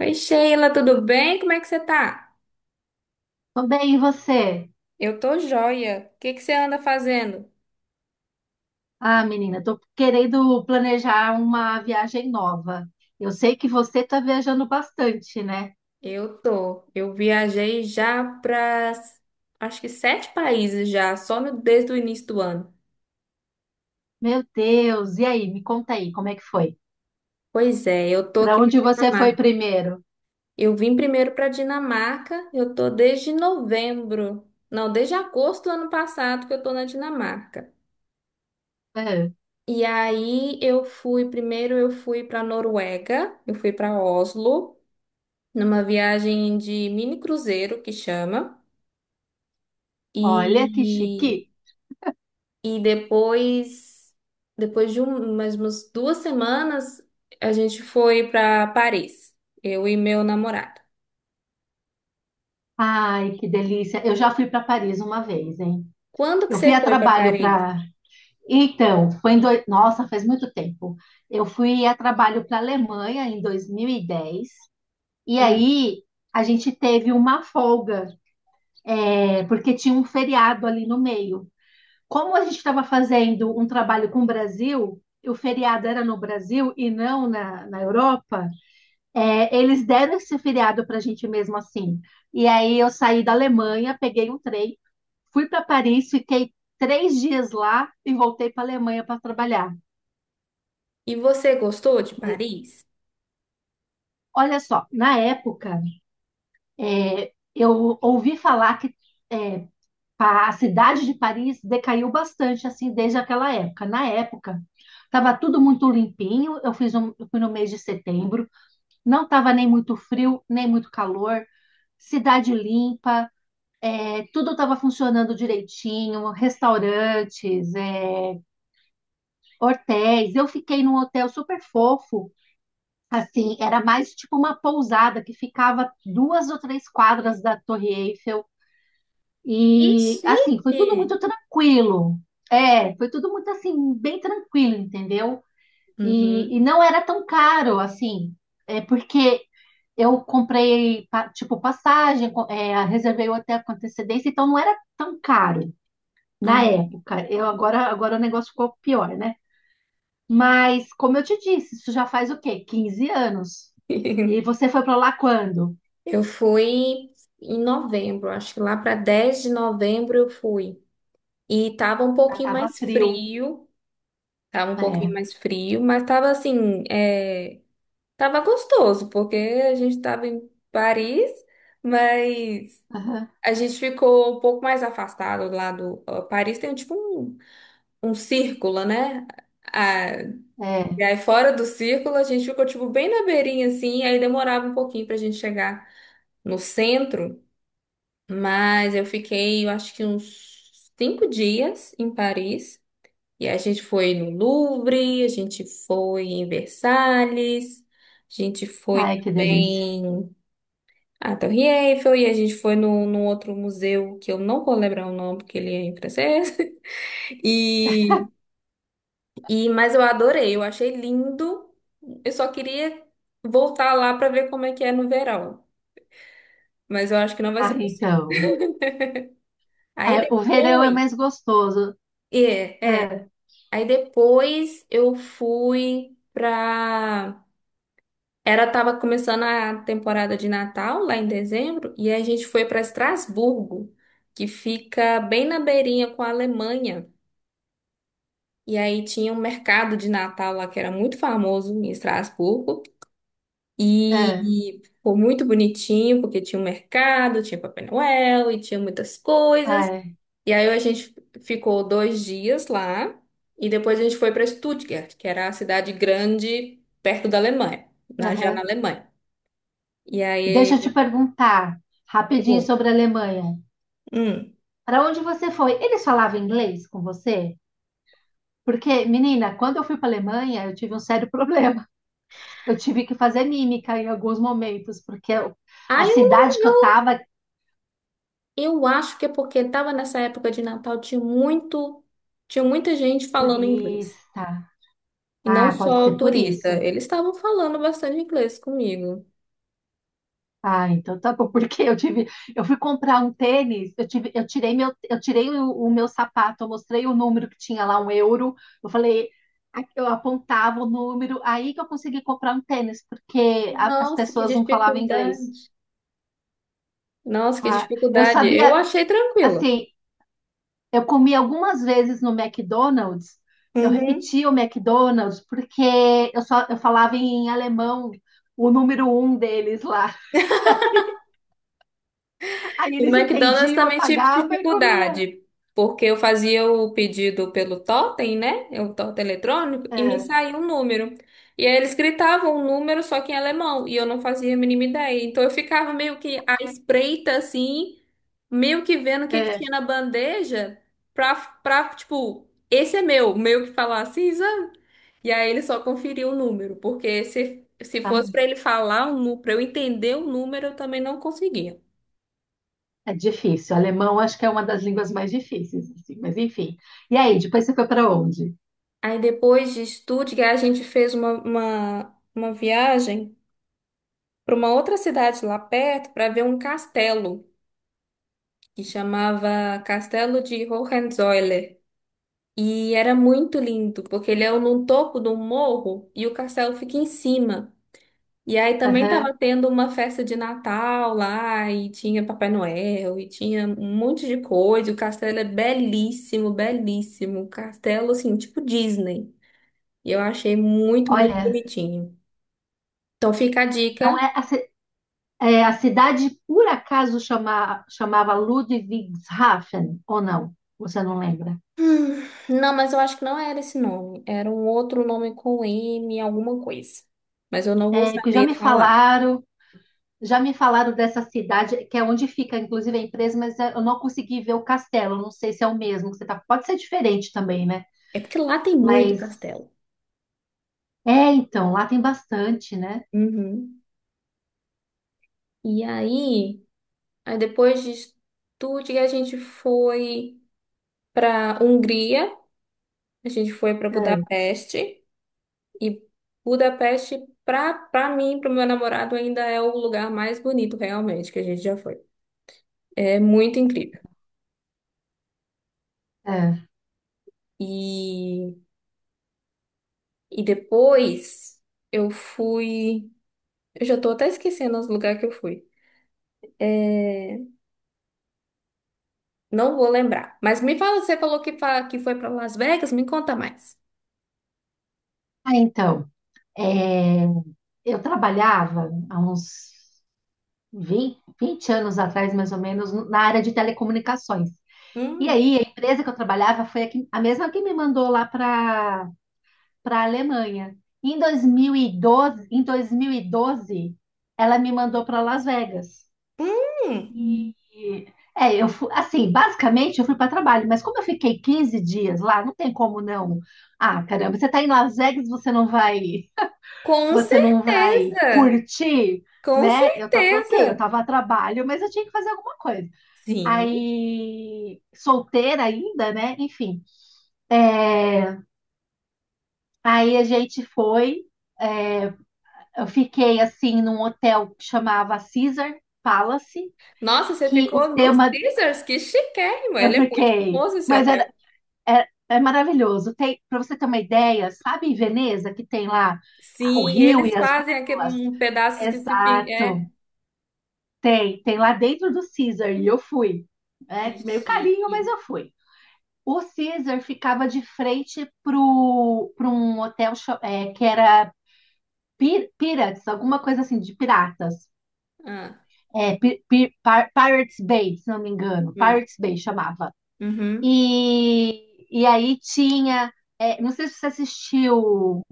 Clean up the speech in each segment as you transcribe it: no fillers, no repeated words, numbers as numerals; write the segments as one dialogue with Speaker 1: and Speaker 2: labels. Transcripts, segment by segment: Speaker 1: Oi, Sheila, tudo bem? Como é que você tá?
Speaker 2: Tô bem, e você?
Speaker 1: Eu tô joia. O que que você anda fazendo?
Speaker 2: Ah, menina, tô querendo planejar uma viagem nova. Eu sei que você tá viajando bastante, né?
Speaker 1: Eu tô. Eu viajei já para acho que sete países já, só desde o início do ano.
Speaker 2: Meu Deus, e aí? Me conta aí, como é que foi?
Speaker 1: Pois é, eu tô
Speaker 2: Para
Speaker 1: aqui na
Speaker 2: onde você foi
Speaker 1: Dinamarca.
Speaker 2: primeiro?
Speaker 1: Eu vim primeiro para Dinamarca, eu tô desde novembro. Não, desde agosto do ano passado que eu tô na Dinamarca.
Speaker 2: Ah,
Speaker 1: E aí eu fui, primeiro eu fui para Noruega, eu fui para Oslo, numa viagem de mini cruzeiro que chama.
Speaker 2: olha que
Speaker 1: E,
Speaker 2: chique.
Speaker 1: e depois mais umas 2 semanas, a gente foi para Paris, eu e meu namorado.
Speaker 2: Ai, que delícia. Eu já fui para Paris uma vez, hein?
Speaker 1: Quando que
Speaker 2: Eu fui
Speaker 1: você
Speaker 2: a
Speaker 1: foi para
Speaker 2: trabalho
Speaker 1: Paris?
Speaker 2: para. Então, foi em dois... Nossa, faz muito tempo. Eu fui a trabalho para a Alemanha em dois mil e dez. E
Speaker 1: Ah,
Speaker 2: aí, a gente teve uma folga. É, porque tinha um feriado ali no meio. Como a gente estava fazendo um trabalho com o Brasil, o feriado era no Brasil e não na Europa, eles deram esse feriado para a gente mesmo assim. E aí eu saí da Alemanha, peguei um trem, fui para Paris, fiquei três dias lá e voltei para a Alemanha para trabalhar.
Speaker 1: e você gostou de
Speaker 2: Mas,
Speaker 1: Paris?
Speaker 2: olha só, na época, eu ouvi falar que é, a cidade de Paris decaiu bastante assim desde aquela época. Na época, estava tudo muito limpinho. Eu fui no mês de setembro, não estava nem muito frio, nem muito calor. Cidade limpa, tudo estava funcionando direitinho, restaurantes, hotéis. Eu fiquei num hotel super fofo, assim, era mais tipo uma pousada que ficava duas ou três quadras da Torre Eiffel.
Speaker 1: Que
Speaker 2: E assim, foi tudo
Speaker 1: chique!
Speaker 2: muito tranquilo. É, foi tudo muito assim, bem tranquilo, entendeu? E
Speaker 1: Uhum.
Speaker 2: não era tão caro assim, é porque eu comprei pa- tipo passagem, reservei o hotel com antecedência, então não era tão caro na
Speaker 1: Ah.
Speaker 2: época. Agora o negócio ficou pior, né? Mas como eu te disse, isso já faz o quê? Quinze anos. E você foi para lá quando?
Speaker 1: Eu fui em novembro, acho que lá para 10 de novembro eu fui. E tava um
Speaker 2: Já
Speaker 1: pouquinho
Speaker 2: tava
Speaker 1: mais
Speaker 2: frio.
Speaker 1: frio,
Speaker 2: É.
Speaker 1: mas tava assim, tava gostoso, porque a gente tava em Paris, mas
Speaker 2: Aham.
Speaker 1: a gente ficou um pouco mais afastado lá do. Ó, Paris tem tipo um círculo, né? Ah,
Speaker 2: É.
Speaker 1: e aí fora do círculo a gente ficou tipo bem na beirinha assim, e aí demorava um pouquinho pra gente chegar no centro, mas eu fiquei, eu acho que uns 5 dias em Paris. E a gente foi no Louvre, a gente foi em Versalhes, a gente foi
Speaker 2: Ai, que delícia.
Speaker 1: também a Torre Eiffel, e a gente foi num outro museu que eu não vou lembrar o nome, porque ele é em francês. E, e, mas eu adorei, eu achei lindo. Eu só queria voltar lá para ver como é que é no verão, mas eu acho que não vai
Speaker 2: Ah,
Speaker 1: ser possível.
Speaker 2: então.
Speaker 1: Aí
Speaker 2: É, o verão é
Speaker 1: depois,
Speaker 2: mais gostoso.
Speaker 1: é, é.
Speaker 2: É,
Speaker 1: Aí depois eu fui pra. Era, tava começando a temporada de Natal, lá em dezembro, e a gente foi para Estrasburgo, que fica bem na beirinha com a Alemanha. E aí tinha um mercado de Natal lá que era muito famoso em Estrasburgo.
Speaker 2: é,
Speaker 1: E foi muito bonitinho, porque tinha um mercado, tinha Papai Noel e tinha muitas coisas.
Speaker 2: é.
Speaker 1: E aí a gente ficou 2 dias lá. E depois a gente foi para Stuttgart, que era a cidade grande perto da Alemanha, na, já
Speaker 2: Aham.
Speaker 1: na Alemanha. E
Speaker 2: Deixa
Speaker 1: aí,
Speaker 2: eu te perguntar rapidinho
Speaker 1: pergunta.
Speaker 2: sobre a Alemanha.
Speaker 1: Hum.
Speaker 2: Para onde você foi? Eles falavam inglês com você? Porque, menina, quando eu fui para a Alemanha, eu tive um sério problema. Eu tive que fazer mímica em alguns momentos, porque a
Speaker 1: Aí
Speaker 2: cidade que eu
Speaker 1: eu,
Speaker 2: estava é
Speaker 1: eu acho que é porque estava nessa época de Natal, tinha muita gente falando inglês.
Speaker 2: turista.
Speaker 1: E não
Speaker 2: Ah, pode
Speaker 1: só o
Speaker 2: ser por
Speaker 1: turista,
Speaker 2: isso.
Speaker 1: eles estavam falando bastante inglês comigo.
Speaker 2: Ah, então tá bom, porque eu fui comprar um tênis, eu tirei meu, eu tirei o meu sapato, eu mostrei o número que tinha lá, um euro, eu falei, eu apontava o número, aí que eu consegui comprar um tênis, porque as
Speaker 1: Nossa, que
Speaker 2: pessoas não falavam inglês.
Speaker 1: dificuldade. Nossa, que
Speaker 2: Ah, eu
Speaker 1: dificuldade. Eu
Speaker 2: sabia,
Speaker 1: achei tranquilo.
Speaker 2: assim, eu comi algumas vezes no McDonald's, eu
Speaker 1: Uhum.
Speaker 2: repetia o McDonald's, porque eu falava em alemão, o número um deles lá, aí
Speaker 1: O
Speaker 2: eles
Speaker 1: McDonald's
Speaker 2: entendiam, eu
Speaker 1: também tive
Speaker 2: pagava e comia.
Speaker 1: dificuldade, porque eu fazia o pedido pelo totem, né? O totem eletrônico, e me
Speaker 2: É.
Speaker 1: saía um número. E aí eles gritavam um número só que em alemão, e eu não fazia a mínima ideia. Então eu ficava meio que à espreita, assim, meio que vendo o que que
Speaker 2: É,
Speaker 1: tinha na bandeja, pra, pra, tipo, esse é meu, meio que falar assim, sabe? E aí ele só conferiu o número, porque se
Speaker 2: ah,
Speaker 1: fosse pra ele falar, pra eu entender o número, eu também não conseguia.
Speaker 2: é difícil. Alemão acho que é uma das línguas mais difíceis, assim, mas enfim. E aí, depois você foi para onde?
Speaker 1: Aí depois de Stuttgart, a gente fez uma viagem para uma outra cidade lá perto para ver um castelo que chamava Castelo de Hohenzollern. E era muito lindo, porque ele é no topo do morro e o castelo fica em cima. E aí também
Speaker 2: Aham.
Speaker 1: estava tendo uma festa de Natal lá, e tinha Papai Noel, e tinha um monte de coisa. O castelo é belíssimo, belíssimo. Castelo, assim, tipo Disney. E eu achei muito, muito
Speaker 2: Olha,
Speaker 1: bonitinho. Então fica a
Speaker 2: não
Speaker 1: dica.
Speaker 2: é a, ci- é, a cidade por acaso chamava Ludwigshafen ou não? Você não lembra?
Speaker 1: Hum, não, mas eu acho que não era esse nome. Era um outro nome com M, alguma coisa. Mas eu não vou
Speaker 2: É, que
Speaker 1: saber falar.
Speaker 2: já me falaram dessa cidade, que é onde fica, inclusive, a empresa, mas eu não consegui ver o castelo. Não sei se é o mesmo que você tá. Pode ser diferente também, né?
Speaker 1: É porque lá tem muito
Speaker 2: Mas
Speaker 1: castelo.
Speaker 2: então, lá tem bastante, né?
Speaker 1: Uhum. E aí, aí depois de Estúdio, a gente foi para Hungria, a gente foi para
Speaker 2: É,
Speaker 1: Budapeste. E Budapeste, pra mim, para meu namorado, ainda é o lugar mais bonito, realmente, que a gente já foi. É muito incrível.
Speaker 2: é.
Speaker 1: E E depois eu fui. Eu já tô até esquecendo os lugares que eu fui. É, não vou lembrar. Mas me fala, você falou que, que foi para Las Vegas, me conta mais.
Speaker 2: Ah, então. É, eu trabalhava há uns 20 20 anos atrás, mais ou menos, na área de telecomunicações. E
Speaker 1: Hum,
Speaker 2: aí, a empresa que eu trabalhava foi a mesma que me mandou lá para a Alemanha. Em 2012, Em 2012, ela me mandou para Las Vegas.
Speaker 1: hum,
Speaker 2: E eu fui, assim, basicamente eu fui para trabalho, mas como eu fiquei 15 dias lá, não tem como não. Ah, caramba, você está em Las Vegas,
Speaker 1: com
Speaker 2: você não vai
Speaker 1: certeza!
Speaker 2: curtir,
Speaker 1: Com
Speaker 2: né? Ok, eu
Speaker 1: certeza!
Speaker 2: tava a trabalho, mas eu tinha que fazer alguma coisa.
Speaker 1: Sim.
Speaker 2: Aí, solteira ainda, né? Enfim. É. Aí a gente foi, eu fiquei assim num hotel que chamava Caesar Palace,
Speaker 1: Nossa, você
Speaker 2: que o
Speaker 1: ficou no
Speaker 2: tema
Speaker 1: Caesars, que chiquérrimo!
Speaker 2: eu
Speaker 1: Ele é muito
Speaker 2: fiquei,
Speaker 1: famoso esse
Speaker 2: mas era,
Speaker 1: hotel.
Speaker 2: é, é maravilhoso. Tem, para você ter uma ideia, sabe em Veneza que tem lá, ah, o
Speaker 1: Sim,
Speaker 2: rio e
Speaker 1: eles
Speaker 2: as
Speaker 1: fazem aquele
Speaker 2: gôndolas?
Speaker 1: um pedaço que se fica. É,
Speaker 2: Exato. Tem lá dentro do Caesar e eu fui.
Speaker 1: que
Speaker 2: É meio carinho, mas
Speaker 1: chique.
Speaker 2: eu fui. O Caesar ficava de frente pro um hotel que era Pirates, alguma coisa assim, de piratas.
Speaker 1: Ah,
Speaker 2: É, Pirates Bay, se não me engano.
Speaker 1: hum,
Speaker 2: Pirates Bay chamava.
Speaker 1: uhum.
Speaker 2: E aí tinha. Não sei se você assistiu,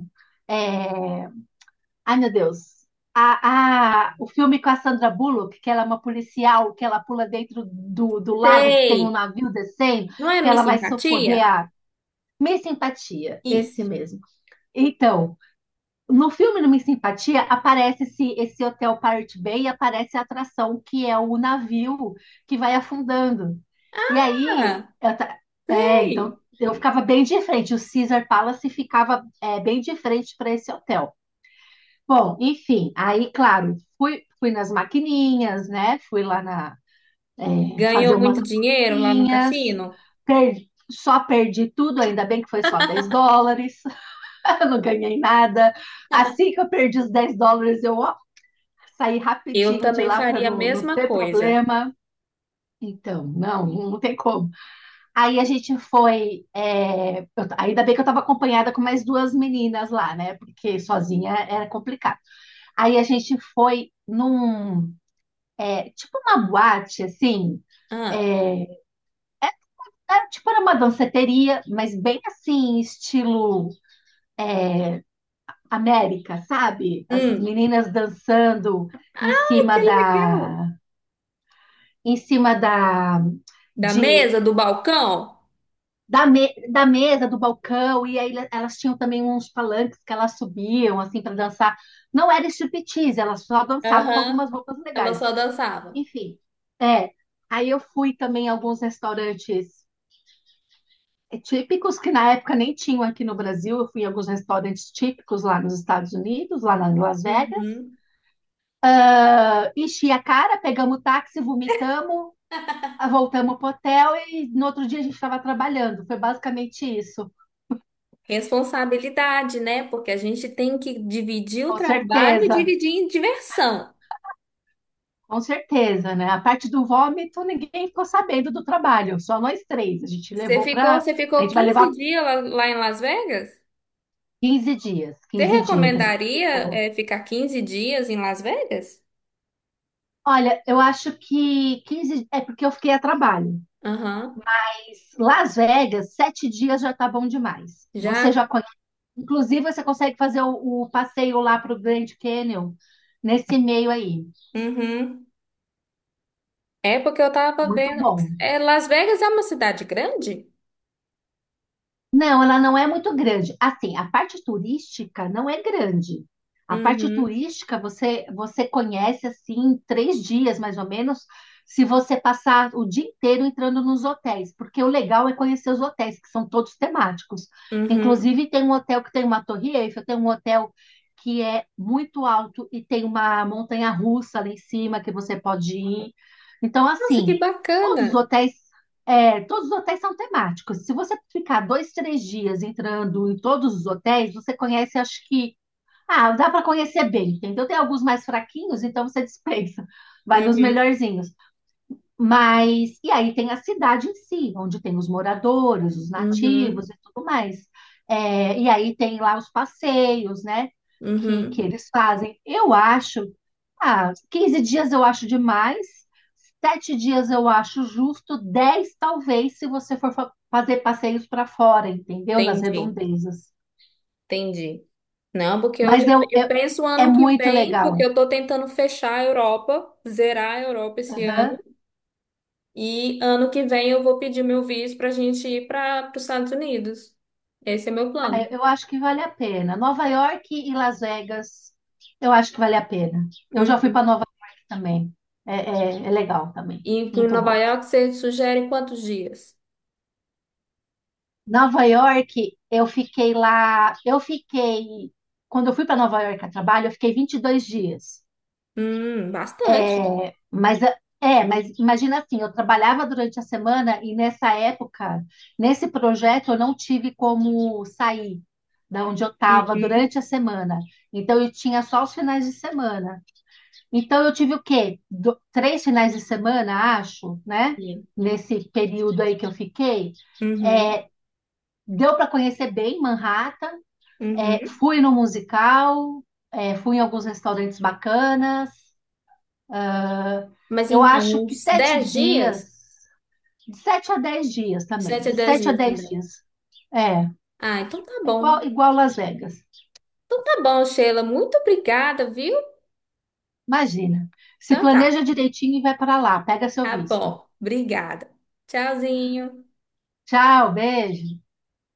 Speaker 2: é, ai, meu Deus. O filme com a Sandra Bullock, que ela é uma policial, que ela pula dentro do lago que tem um
Speaker 1: Sei!
Speaker 2: navio descendo,
Speaker 1: Não é
Speaker 2: que
Speaker 1: Miss
Speaker 2: ela vai socorrer
Speaker 1: Simpatia?
Speaker 2: a Miss Simpatia, esse
Speaker 1: Isso.
Speaker 2: mesmo. Então, no filme do Miss Simpatia aparece esse hotel Pirate Bay e aparece a atração que é o navio que vai afundando. E aí,
Speaker 1: Ah,
Speaker 2: então
Speaker 1: sei.
Speaker 2: eu ficava bem de frente, o Caesar Palace ficava, bem de frente para esse hotel. Bom, enfim, aí, claro, fui nas maquininhas, né? Fui lá na, fazer
Speaker 1: Ganhou
Speaker 2: umas
Speaker 1: muito dinheiro lá no
Speaker 2: apostinhas,
Speaker 1: cassino?
Speaker 2: só perdi tudo, ainda bem que foi só 10 dólares, eu não ganhei nada. Assim que eu perdi os 10 dólares, eu ó, saí
Speaker 1: Eu
Speaker 2: rapidinho de
Speaker 1: também
Speaker 2: lá para
Speaker 1: faria a
Speaker 2: não
Speaker 1: mesma
Speaker 2: ter
Speaker 1: coisa.
Speaker 2: problema. Então, não, não tem como. Aí a gente foi. Ainda bem que eu estava acompanhada com mais duas meninas lá, né? Porque sozinha era complicado. Aí a gente foi num, tipo uma boate, assim,
Speaker 1: Ah,
Speaker 2: é, era, tipo era uma danceteria, mas bem assim, estilo América, sabe? As
Speaker 1: hum.
Speaker 2: meninas dançando em
Speaker 1: Ah,
Speaker 2: cima
Speaker 1: que legal.
Speaker 2: da, em cima da,
Speaker 1: Da
Speaker 2: de,
Speaker 1: mesa, do balcão?
Speaker 2: da mesa, do balcão, e aí elas tinham também uns palanques que elas subiam, assim, para dançar. Não era striptease, elas só dançavam com algumas
Speaker 1: Aham.
Speaker 2: roupas
Speaker 1: Ela
Speaker 2: legais.
Speaker 1: só dançava.
Speaker 2: Enfim, é. Aí eu fui também a alguns restaurantes, típicos que na época nem tinham aqui no Brasil. Eu fui em alguns restaurantes típicos lá nos Estados Unidos, lá na Las Vegas.
Speaker 1: Uhum.
Speaker 2: Enchi a cara, pegamos táxi, vomitamos, voltamos pro hotel e no outro dia a gente estava trabalhando. Foi basicamente isso.
Speaker 1: Responsabilidade, né? Porque a gente tem que dividir o
Speaker 2: Com
Speaker 1: trabalho e
Speaker 2: certeza,
Speaker 1: dividir em diversão.
Speaker 2: com certeza, né? A parte do vômito, ninguém ficou sabendo do trabalho, só nós três. A gente levou para.
Speaker 1: Você
Speaker 2: A
Speaker 1: ficou
Speaker 2: gente vai
Speaker 1: 15
Speaker 2: levar
Speaker 1: dias lá, lá em Las Vegas?
Speaker 2: 15 dias.
Speaker 1: Você
Speaker 2: Quinze dias a gente
Speaker 1: recomendaria,
Speaker 2: ficou.
Speaker 1: ficar 15 dias em Las Vegas?
Speaker 2: Olha, eu acho que 15 é porque eu fiquei a trabalho.
Speaker 1: Aham.
Speaker 2: Las Vegas, sete dias já tá bom demais. Você
Speaker 1: Já?
Speaker 2: já conhece. Inclusive, você consegue fazer o passeio lá para o Grand Canyon nesse meio aí.
Speaker 1: Uhum. É porque eu tava
Speaker 2: Muito
Speaker 1: vendo.
Speaker 2: bom.
Speaker 1: É, Las Vegas é uma cidade grande?
Speaker 2: Não, ela não é muito grande. Assim, a parte turística não é grande. A parte
Speaker 1: Uhum.
Speaker 2: turística você conhece assim em três dias mais ou menos, se você passar o dia inteiro entrando nos hotéis, porque o legal é conhecer os hotéis que são todos temáticos.
Speaker 1: Uhum.
Speaker 2: Inclusive tem um hotel que tem uma torre Eiffel, tem um hotel que é muito alto e tem uma montanha-russa lá em cima que você pode ir. Então
Speaker 1: Nossa, que
Speaker 2: assim, todos os
Speaker 1: bacana.
Speaker 2: hotéis todos os hotéis são temáticos. Se você ficar dois, três dias entrando em todos os hotéis, você conhece, acho que. Ah, dá para conhecer bem, entendeu? Tem alguns mais fraquinhos, então você dispensa. Vai nos
Speaker 1: Uhum.
Speaker 2: melhorzinhos. Mas. E aí tem a cidade em si, onde tem os moradores, os nativos
Speaker 1: Uhum.
Speaker 2: e tudo mais. É, e aí tem lá os passeios, né? Que
Speaker 1: Uhum.
Speaker 2: eles fazem. Eu acho, ah, 15 dias eu acho demais, 7 dias eu acho justo, 10 talvez, se você for fazer passeios para fora, entendeu? Nas
Speaker 1: Entendi.
Speaker 2: redondezas.
Speaker 1: Entendi. Não, porque hoje
Speaker 2: Mas eu,
Speaker 1: eu penso o
Speaker 2: é
Speaker 1: ano que
Speaker 2: muito
Speaker 1: vem, porque
Speaker 2: legal.
Speaker 1: eu tô tentando fechar a Europa, zerar a Europa esse ano.
Speaker 2: Aham.
Speaker 1: E ano que vem eu vou pedir meu visto pra gente ir para os Estados Unidos. Esse é meu
Speaker 2: Ah,
Speaker 1: plano.
Speaker 2: eu acho que vale a pena. Nova York e Las Vegas, eu acho que vale a pena. Eu já fui
Speaker 1: Uhum.
Speaker 2: para Nova York também. É, é, é legal também.
Speaker 1: E em
Speaker 2: Muito
Speaker 1: Nova
Speaker 2: bom.
Speaker 1: York você sugere quantos dias?
Speaker 2: Nova York, eu fiquei lá. Eu fiquei. Quando eu fui para Nova York a trabalho, eu fiquei 22 dias.
Speaker 1: Bastante.
Speaker 2: É, mas imagina assim, eu trabalhava durante a semana e nessa época, nesse projeto, eu não tive como sair da onde eu estava durante a semana. Então eu tinha só os finais de semana. Então eu tive o quê? Três finais de semana, acho, né?
Speaker 1: Uhum.
Speaker 2: Nesse período aí que eu fiquei.
Speaker 1: Uhum.
Speaker 2: É, deu para conhecer bem Manhattan. É,
Speaker 1: Uhum.
Speaker 2: fui no musical, fui em alguns restaurantes bacanas.
Speaker 1: Mas
Speaker 2: Eu
Speaker 1: então,
Speaker 2: acho que
Speaker 1: uns
Speaker 2: sete
Speaker 1: 10 dias?
Speaker 2: dias. De 7 a 10 dias também.
Speaker 1: sete a
Speaker 2: De
Speaker 1: dez
Speaker 2: 7 a
Speaker 1: dias
Speaker 2: 10
Speaker 1: também.
Speaker 2: dias. É,
Speaker 1: Ah, então tá
Speaker 2: é
Speaker 1: bom.
Speaker 2: igual, igual Las Vegas.
Speaker 1: Então tá bom, Sheila. Muito obrigada, viu?
Speaker 2: Imagina. Se
Speaker 1: Então tá.
Speaker 2: planeja direitinho e vai para lá. Pega seu
Speaker 1: Tá
Speaker 2: visto.
Speaker 1: bom. Obrigada. Tchauzinho.
Speaker 2: Tchau, beijo.